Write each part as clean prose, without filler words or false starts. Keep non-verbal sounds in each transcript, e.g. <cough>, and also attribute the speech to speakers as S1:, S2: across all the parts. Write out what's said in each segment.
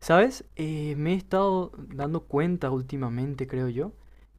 S1: ¿Sabes? Me he estado dando cuenta últimamente, creo yo,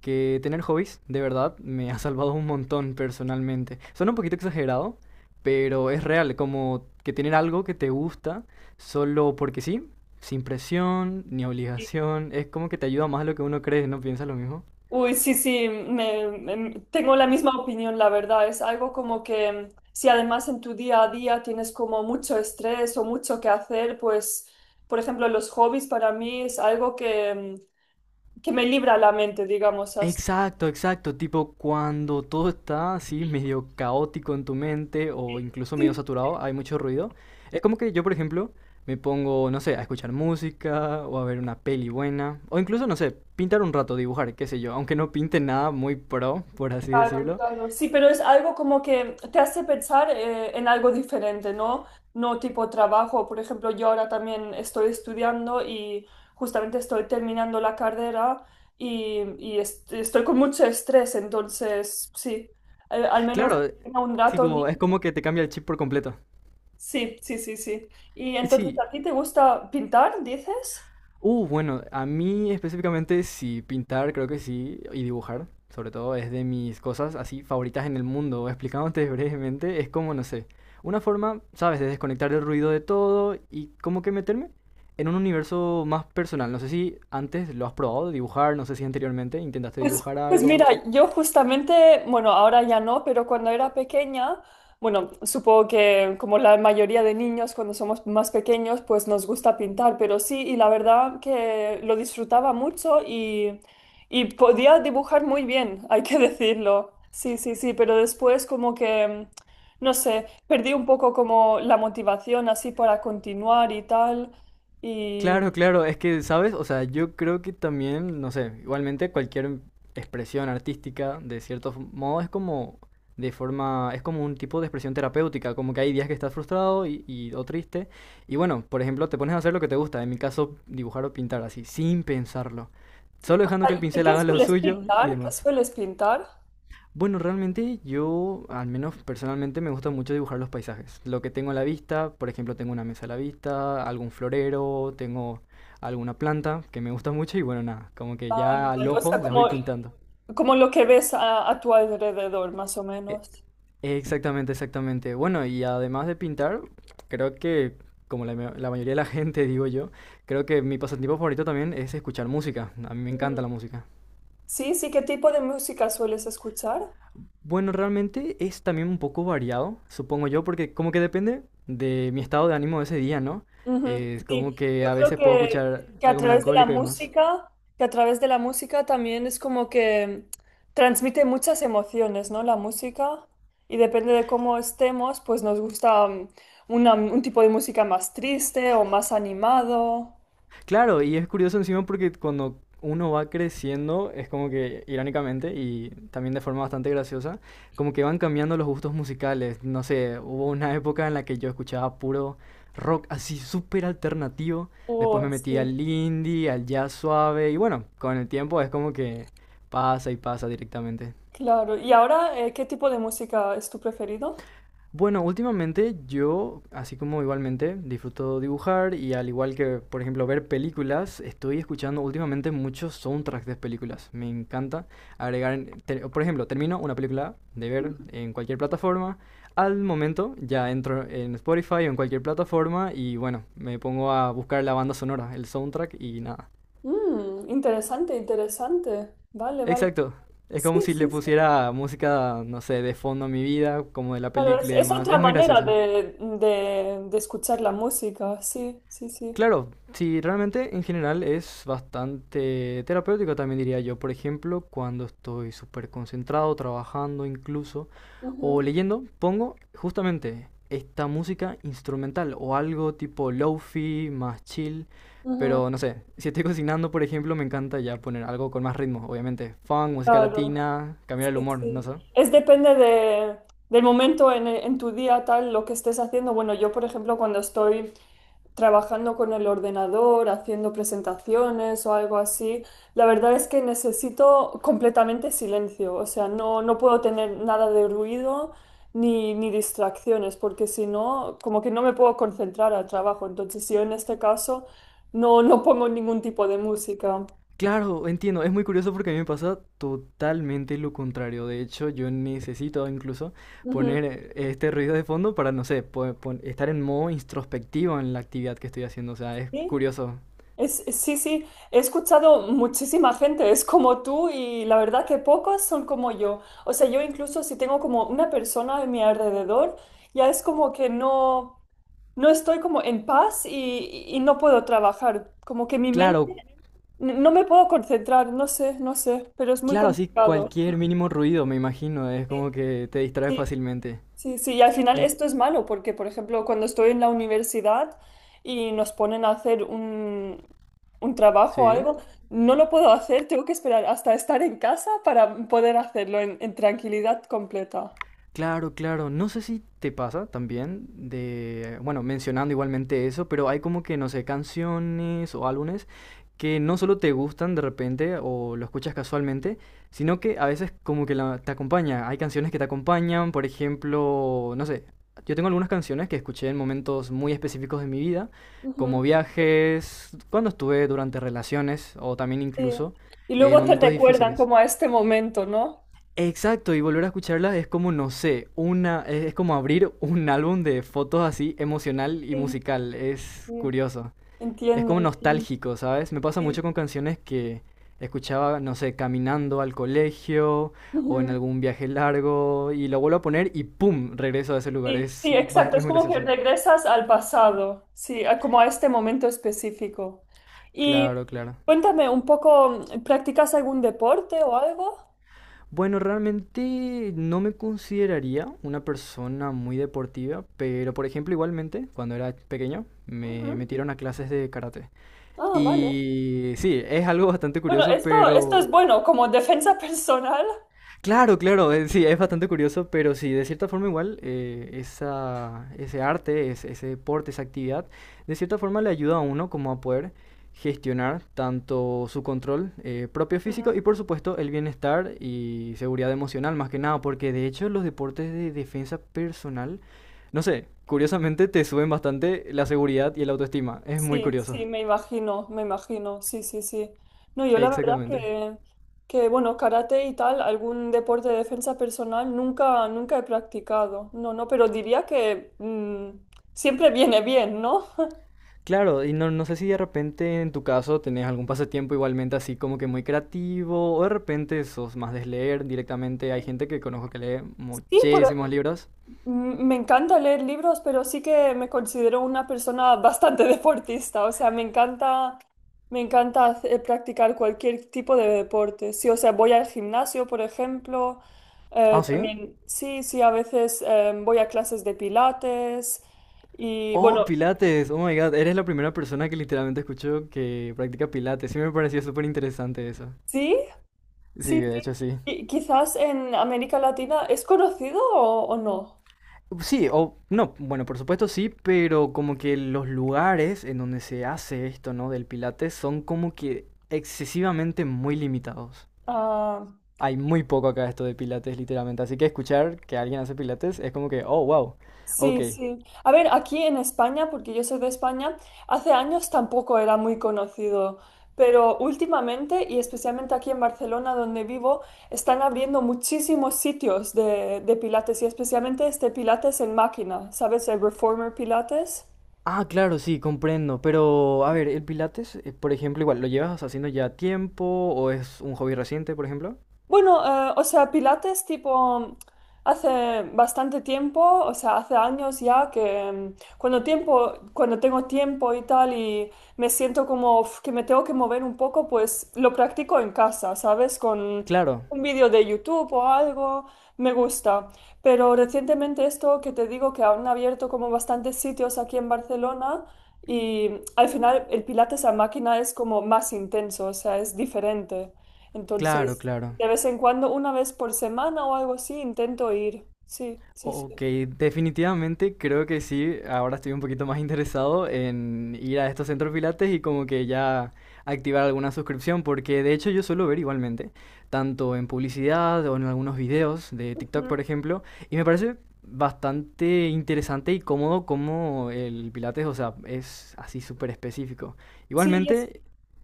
S1: que tener hobbies de verdad me ha salvado un montón personalmente. Suena un poquito exagerado, pero es real, como que tener algo que te gusta solo porque sí, sin presión ni
S2: Sí.
S1: obligación, es como que te ayuda más de lo que uno cree, ¿no piensas lo mismo?
S2: Uy, sí, sí, tengo la misma opinión, la verdad. Es algo como que si además en tu día a día tienes como mucho estrés o mucho que hacer, pues, por ejemplo, los hobbies para mí es algo que me libra la mente, digamos así.
S1: Exacto, exacto, tipo cuando todo está así medio caótico en tu mente o incluso medio saturado, hay mucho ruido. Es como que yo, por ejemplo, me pongo, no sé, a escuchar música o a ver una peli buena o incluso, no sé, pintar un rato, dibujar, qué sé yo, aunque no pinte nada muy pro, por así
S2: Claro,
S1: decirlo.
S2: claro. Sí, pero es algo como que te hace pensar en algo diferente, ¿no? No tipo trabajo. Por ejemplo, yo ahora también estoy estudiando y justamente estoy terminando la carrera y estoy con mucho estrés, entonces sí, al menos
S1: Claro,
S2: tenga un rato
S1: tipo,
S2: libre.
S1: es como que te cambia el chip por completo.
S2: Sí, sí, sí, sí. Y entonces,
S1: Sí,
S2: ¿a ti te gusta pintar, dices?
S1: Bueno, a mí específicamente sí, pintar creo que sí, y dibujar, sobre todo, es de mis cosas así favoritas en el mundo. Explicándote <laughs> brevemente, es como, no sé, una forma, ¿sabes?, de desconectar el ruido de todo y como que meterme en un universo más personal. No sé si antes lo has probado, dibujar, no sé si anteriormente intentaste
S2: Pues,
S1: dibujar
S2: pues mira,
S1: algo.
S2: yo justamente, bueno, ahora ya no, pero cuando era pequeña, bueno, supongo que como la mayoría de niños cuando somos más pequeños, pues nos gusta pintar, pero sí, y la verdad que lo disfrutaba mucho y podía dibujar muy bien, hay que <laughs> decirlo. Sí, sí, sí, pero después como que, no sé, perdí un poco como la motivación así para continuar y tal. Y,
S1: Claro, claro, es que, ¿sabes? O sea, yo creo que también, no sé, igualmente cualquier expresión artística, de cierto modo, es como de forma, es como un tipo de expresión terapéutica, como que hay días que estás frustrado o triste, y bueno, por ejemplo, te pones a hacer lo que te gusta, en mi caso, dibujar o pintar así, sin pensarlo, solo dejando que el
S2: ¿qué
S1: pincel
S2: qué
S1: haga lo
S2: sueles
S1: suyo y
S2: pintar? ¿Qué
S1: demás.
S2: sueles pintar?
S1: Bueno, realmente yo, al menos personalmente, me gusta mucho dibujar los paisajes. Lo que tengo a la vista, por ejemplo, tengo una mesa a la vista, algún florero, tengo alguna planta que me gusta mucho y bueno, nada, como que
S2: Tal
S1: ya
S2: y
S1: al
S2: tal. O
S1: ojo
S2: sea,
S1: las voy pintando.
S2: como lo que ves a tu alrededor, más o
S1: E-
S2: menos.
S1: Exactamente, exactamente. Bueno, y además de pintar, creo que, como la, la mayoría de la gente, <laughs> digo yo, creo que mi pasatiempo favorito también es escuchar música. A mí me
S2: Mm.
S1: encanta la música.
S2: Sí, sí, ¿qué tipo de música sueles escuchar?
S1: Bueno, realmente es también un poco variado, supongo yo, porque como que depende de mi estado de ánimo de ese día, ¿no?
S2: Ujú.
S1: Es
S2: Sí,
S1: como que
S2: yo
S1: a
S2: creo
S1: veces puedo escuchar algo melancólico y demás.
S2: que a través de la música también es como que transmite muchas emociones, ¿no? La música. Y depende de cómo estemos, pues nos gusta un tipo de música más triste o más animado.
S1: Claro, y es curioso encima porque cuando uno va creciendo, es como que irónicamente y también de forma bastante graciosa, como que van cambiando los gustos musicales. No sé, hubo una época en la que yo escuchaba puro rock así súper alternativo, después me
S2: Oh,
S1: metí
S2: sí,
S1: al indie, al jazz suave y bueno, con el tiempo es como que pasa y pasa directamente.
S2: claro. ¿Y ahora, qué tipo de música es tu preferido?
S1: Bueno, últimamente yo, así como igualmente, disfruto dibujar y al igual que, por ejemplo, ver películas, estoy escuchando últimamente muchos soundtracks de películas. Me encanta agregar, por ejemplo, termino una película de ver en cualquier plataforma, al momento ya entro en Spotify o en cualquier plataforma y bueno, me pongo a buscar la banda sonora, el soundtrack y nada.
S2: Mm, interesante, interesante. Vale, vale.
S1: Exacto. Es como
S2: Sí,
S1: si le
S2: sí, sí,
S1: pusiera música, no sé, de fondo a mi vida, como de la
S2: claro.
S1: película y
S2: Es
S1: demás.
S2: otra
S1: Es muy
S2: manera
S1: gracioso.
S2: de escuchar la música. Sí, sí, sí.
S1: Claro, sí, realmente en general es bastante terapéutico también diría yo. Por ejemplo, cuando estoy súper concentrado, trabajando incluso,
S2: Ujú,
S1: o leyendo, pongo justamente esta música instrumental o algo tipo lofi, más chill.
S2: ujú.
S1: Pero no sé, si estoy cocinando, por ejemplo, me encanta ya poner algo con más ritmo, obviamente. Funk, música
S2: Claro.
S1: latina, cambiar el
S2: Sí,
S1: humor, no sé.
S2: sí. Es depende del momento en tu día, tal, lo que estés haciendo. Bueno, yo, por ejemplo, cuando estoy trabajando con el ordenador, haciendo presentaciones o algo así, la verdad es que necesito completamente silencio. O sea, no, no puedo tener nada de ruido ni distracciones, porque si no, como que no me puedo concentrar al trabajo. Entonces, yo en este caso no, no pongo ningún tipo de música.
S1: Claro, entiendo. Es muy curioso porque a mí me pasa totalmente lo contrario. De hecho, yo necesito incluso
S2: Ujú.
S1: poner este ruido de fondo para, no sé, estar en modo introspectivo en la actividad que estoy haciendo. O sea, es
S2: ¿Sí?
S1: curioso.
S2: Sí, sí, he escuchado muchísima gente, es como tú y la verdad que pocas son como yo. O sea, yo incluso si tengo como una persona en mi alrededor, ya es como que no, no estoy como en paz y no puedo trabajar, como que mi mente
S1: Claro,
S2: no me puedo concentrar, no sé, no sé, pero es muy
S1: claro, así
S2: complicado.
S1: cualquier mínimo ruido, me imagino, es como que te distrae
S2: Sí.
S1: fácilmente.
S2: Sí, sí, y al final
S1: En-
S2: esto es malo porque, por ejemplo, cuando estoy en la universidad y nos ponen a hacer un trabajo o
S1: ¿Sí?
S2: algo, no lo puedo hacer, tengo que esperar hasta estar en casa para poder hacerlo en tranquilidad completa.
S1: Claro, claro. No sé si te pasa también de, bueno, mencionando igualmente eso, pero hay como que, no sé, canciones o álbumes que no solo te gustan de repente o lo escuchas casualmente, sino que a veces como que te acompaña. Hay canciones que te acompañan, por ejemplo, no sé, yo tengo algunas canciones que escuché en momentos muy específicos de mi vida,
S2: Ujú.
S1: como viajes, cuando estuve durante relaciones o también
S2: Sí.
S1: incluso
S2: Y luego te
S1: momentos
S2: recuerdan
S1: difíciles.
S2: como a este momento, ¿no?
S1: Exacto, y volver a escucharla es como, no sé, una, es como abrir un álbum de fotos así emocional y
S2: Sí,
S1: musical, es
S2: sí.
S1: curioso. Es
S2: Entiendo,
S1: como
S2: entiendo.
S1: nostálgico, ¿sabes? Me pasa mucho
S2: Sí.
S1: con canciones que escuchaba, no sé, caminando al colegio o en
S2: Ujú.
S1: algún viaje largo y lo vuelvo a poner y ¡pum! Regreso a ese lugar,
S2: Sí,
S1: es,
S2: sí, exacto.
S1: es
S2: Es
S1: muy
S2: como que
S1: gracioso.
S2: regresas al pasado, sí, como a este momento específico. Y
S1: Claro, claro.
S2: cuéntame un poco, ¿practicas algún deporte o algo?
S1: Bueno, realmente no me consideraría una persona muy deportiva, pero por ejemplo, igualmente, cuando era pequeño, me
S2: Ujú.
S1: metieron a clases de karate.
S2: Ah, vale.
S1: Y sí, es algo bastante
S2: Bueno,
S1: curioso,
S2: esto
S1: pero
S2: es bueno, como defensa <laughs> personal.
S1: claro, claro, sí, es bastante curioso, pero sí, de cierta forma igual esa, ese arte, ese deporte, esa actividad, de cierta forma le ayuda a uno como a poder gestionar tanto su control propio físico y
S2: Ujú.
S1: por supuesto el bienestar y seguridad emocional más que nada, porque de hecho los deportes de defensa personal, no sé, curiosamente te suben bastante la seguridad y el autoestima, es muy
S2: Sí,
S1: curioso.
S2: sí, me imagino, sí, sí, sí. No, yo la verdad
S1: Exactamente.
S2: que bueno, karate y tal, algún deporte de defensa personal nunca, nunca he practicado. No, no, pero diría que siempre viene bien, ¿no?
S1: Claro, y no, no sé si de repente en tu caso tenés algún pasatiempo igualmente así como que muy creativo, o de repente sos más de leer directamente. Hay gente que conozco que lee
S2: Sí, por-
S1: muchísimos libros.
S2: me encanta leer libros, pero sí que me considero una persona bastante <laughs> deportista. O sea, me encanta, practicar cualquier tipo de deporte. Sí, o sea, voy al gimnasio, por ejemplo.
S1: Ah, ¿sí?
S2: También, sí, sí, a veces voy a clases de pilates. Y
S1: Oh,
S2: bueno,
S1: Pilates. Oh my God, eres la primera persona que literalmente escucho que practica Pilates. Sí me pareció súper interesante eso.
S2: sí,
S1: Sí,
S2: sí,
S1: de
S2: sí.
S1: hecho sí.
S2: Y quizás en América Latina, ¿es conocido o no?
S1: Sí, o no, bueno, por supuesto sí, pero como que los lugares en donde se hace esto, ¿no? Del Pilates son como que excesivamente muy limitados.
S2: Ah,
S1: Hay muy poco acá de esto de pilates, literalmente. Así que escuchar que alguien hace pilates es como que, oh, wow, ok.
S2: sí, sí. A ver, aquí en España, porque yo soy de España, hace años tampoco era muy conocido, pero últimamente, y especialmente aquí en Barcelona, donde vivo, están abriendo muchísimos sitios de Pilates y especialmente este Pilates en máquina, ¿sabes? El Reformer Pilates.
S1: Ah, claro, sí, comprendo. Pero, a ver, ¿el pilates, por ejemplo, igual, lo llevas haciendo ya tiempo o es un hobby reciente, por ejemplo?
S2: Bueno, o sea, Pilates tipo hace bastante tiempo, o sea, hace años ya que cuando tengo tiempo y tal y me siento como uf, que me tengo que mover un poco, pues lo practico en casa, ¿sabes? Con
S1: Claro,
S2: un vídeo de YouTube o algo, me gusta. Pero recientemente esto que te digo que han abierto como bastantes sitios aquí en Barcelona y al final el Pilates a máquina es como más intenso, o sea, es diferente.
S1: claro,
S2: Entonces,
S1: claro.
S2: de vez en cuando, 1 vez por semana o algo así, intento ir. Sí, sí,
S1: Ok,
S2: sí.
S1: definitivamente creo que sí. Ahora estoy un poquito más interesado en ir a estos centros pilates y como que ya activar alguna suscripción, porque de hecho yo suelo ver igualmente, tanto en publicidad o en algunos videos de TikTok,
S2: Ujú.
S1: por ejemplo, y me parece bastante interesante y cómodo como el pilates, o sea, es así súper específico.
S2: Sí,
S1: Igualmente,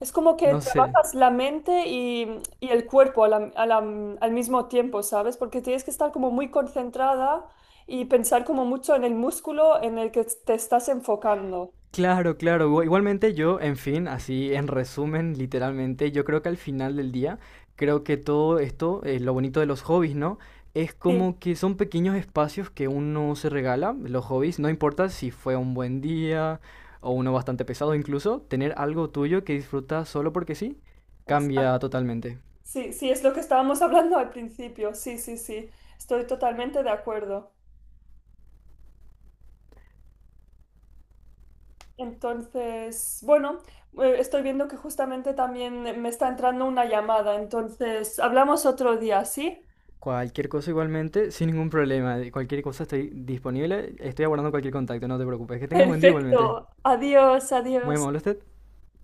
S2: es como que
S1: no sé.
S2: trabajas la mente y el cuerpo al mismo tiempo, ¿sabes? Porque tienes que estar como muy concentrada y pensar como mucho en el músculo en el que te estás enfocando.
S1: Claro, claro. Igualmente yo, en fin, así en resumen, literalmente, yo creo que al final del día, creo que todo esto, lo bonito de los hobbies, ¿no? Es
S2: Sí,
S1: como que son pequeños espacios que uno se regala, los hobbies, no importa si fue un buen día o uno bastante pesado incluso, tener algo tuyo que disfrutas solo porque sí, cambia
S2: exacto.
S1: totalmente.
S2: Sí, sí, es lo que estábamos <laughs> hablando al principio. Sí, sí, sí. Estoy totalmente de acuerdo. Entonces, bueno, estoy viendo que justamente también me está entrando una llamada, entonces hablamos otro día, ¿sí?
S1: Cualquier cosa igualmente, sin ningún problema, de cualquier cosa estoy disponible, estoy abordando cualquier contacto, no te preocupes. Que tengas buen día igualmente.
S2: Perfecto, adiós,
S1: Muy
S2: adiós.
S1: amable usted.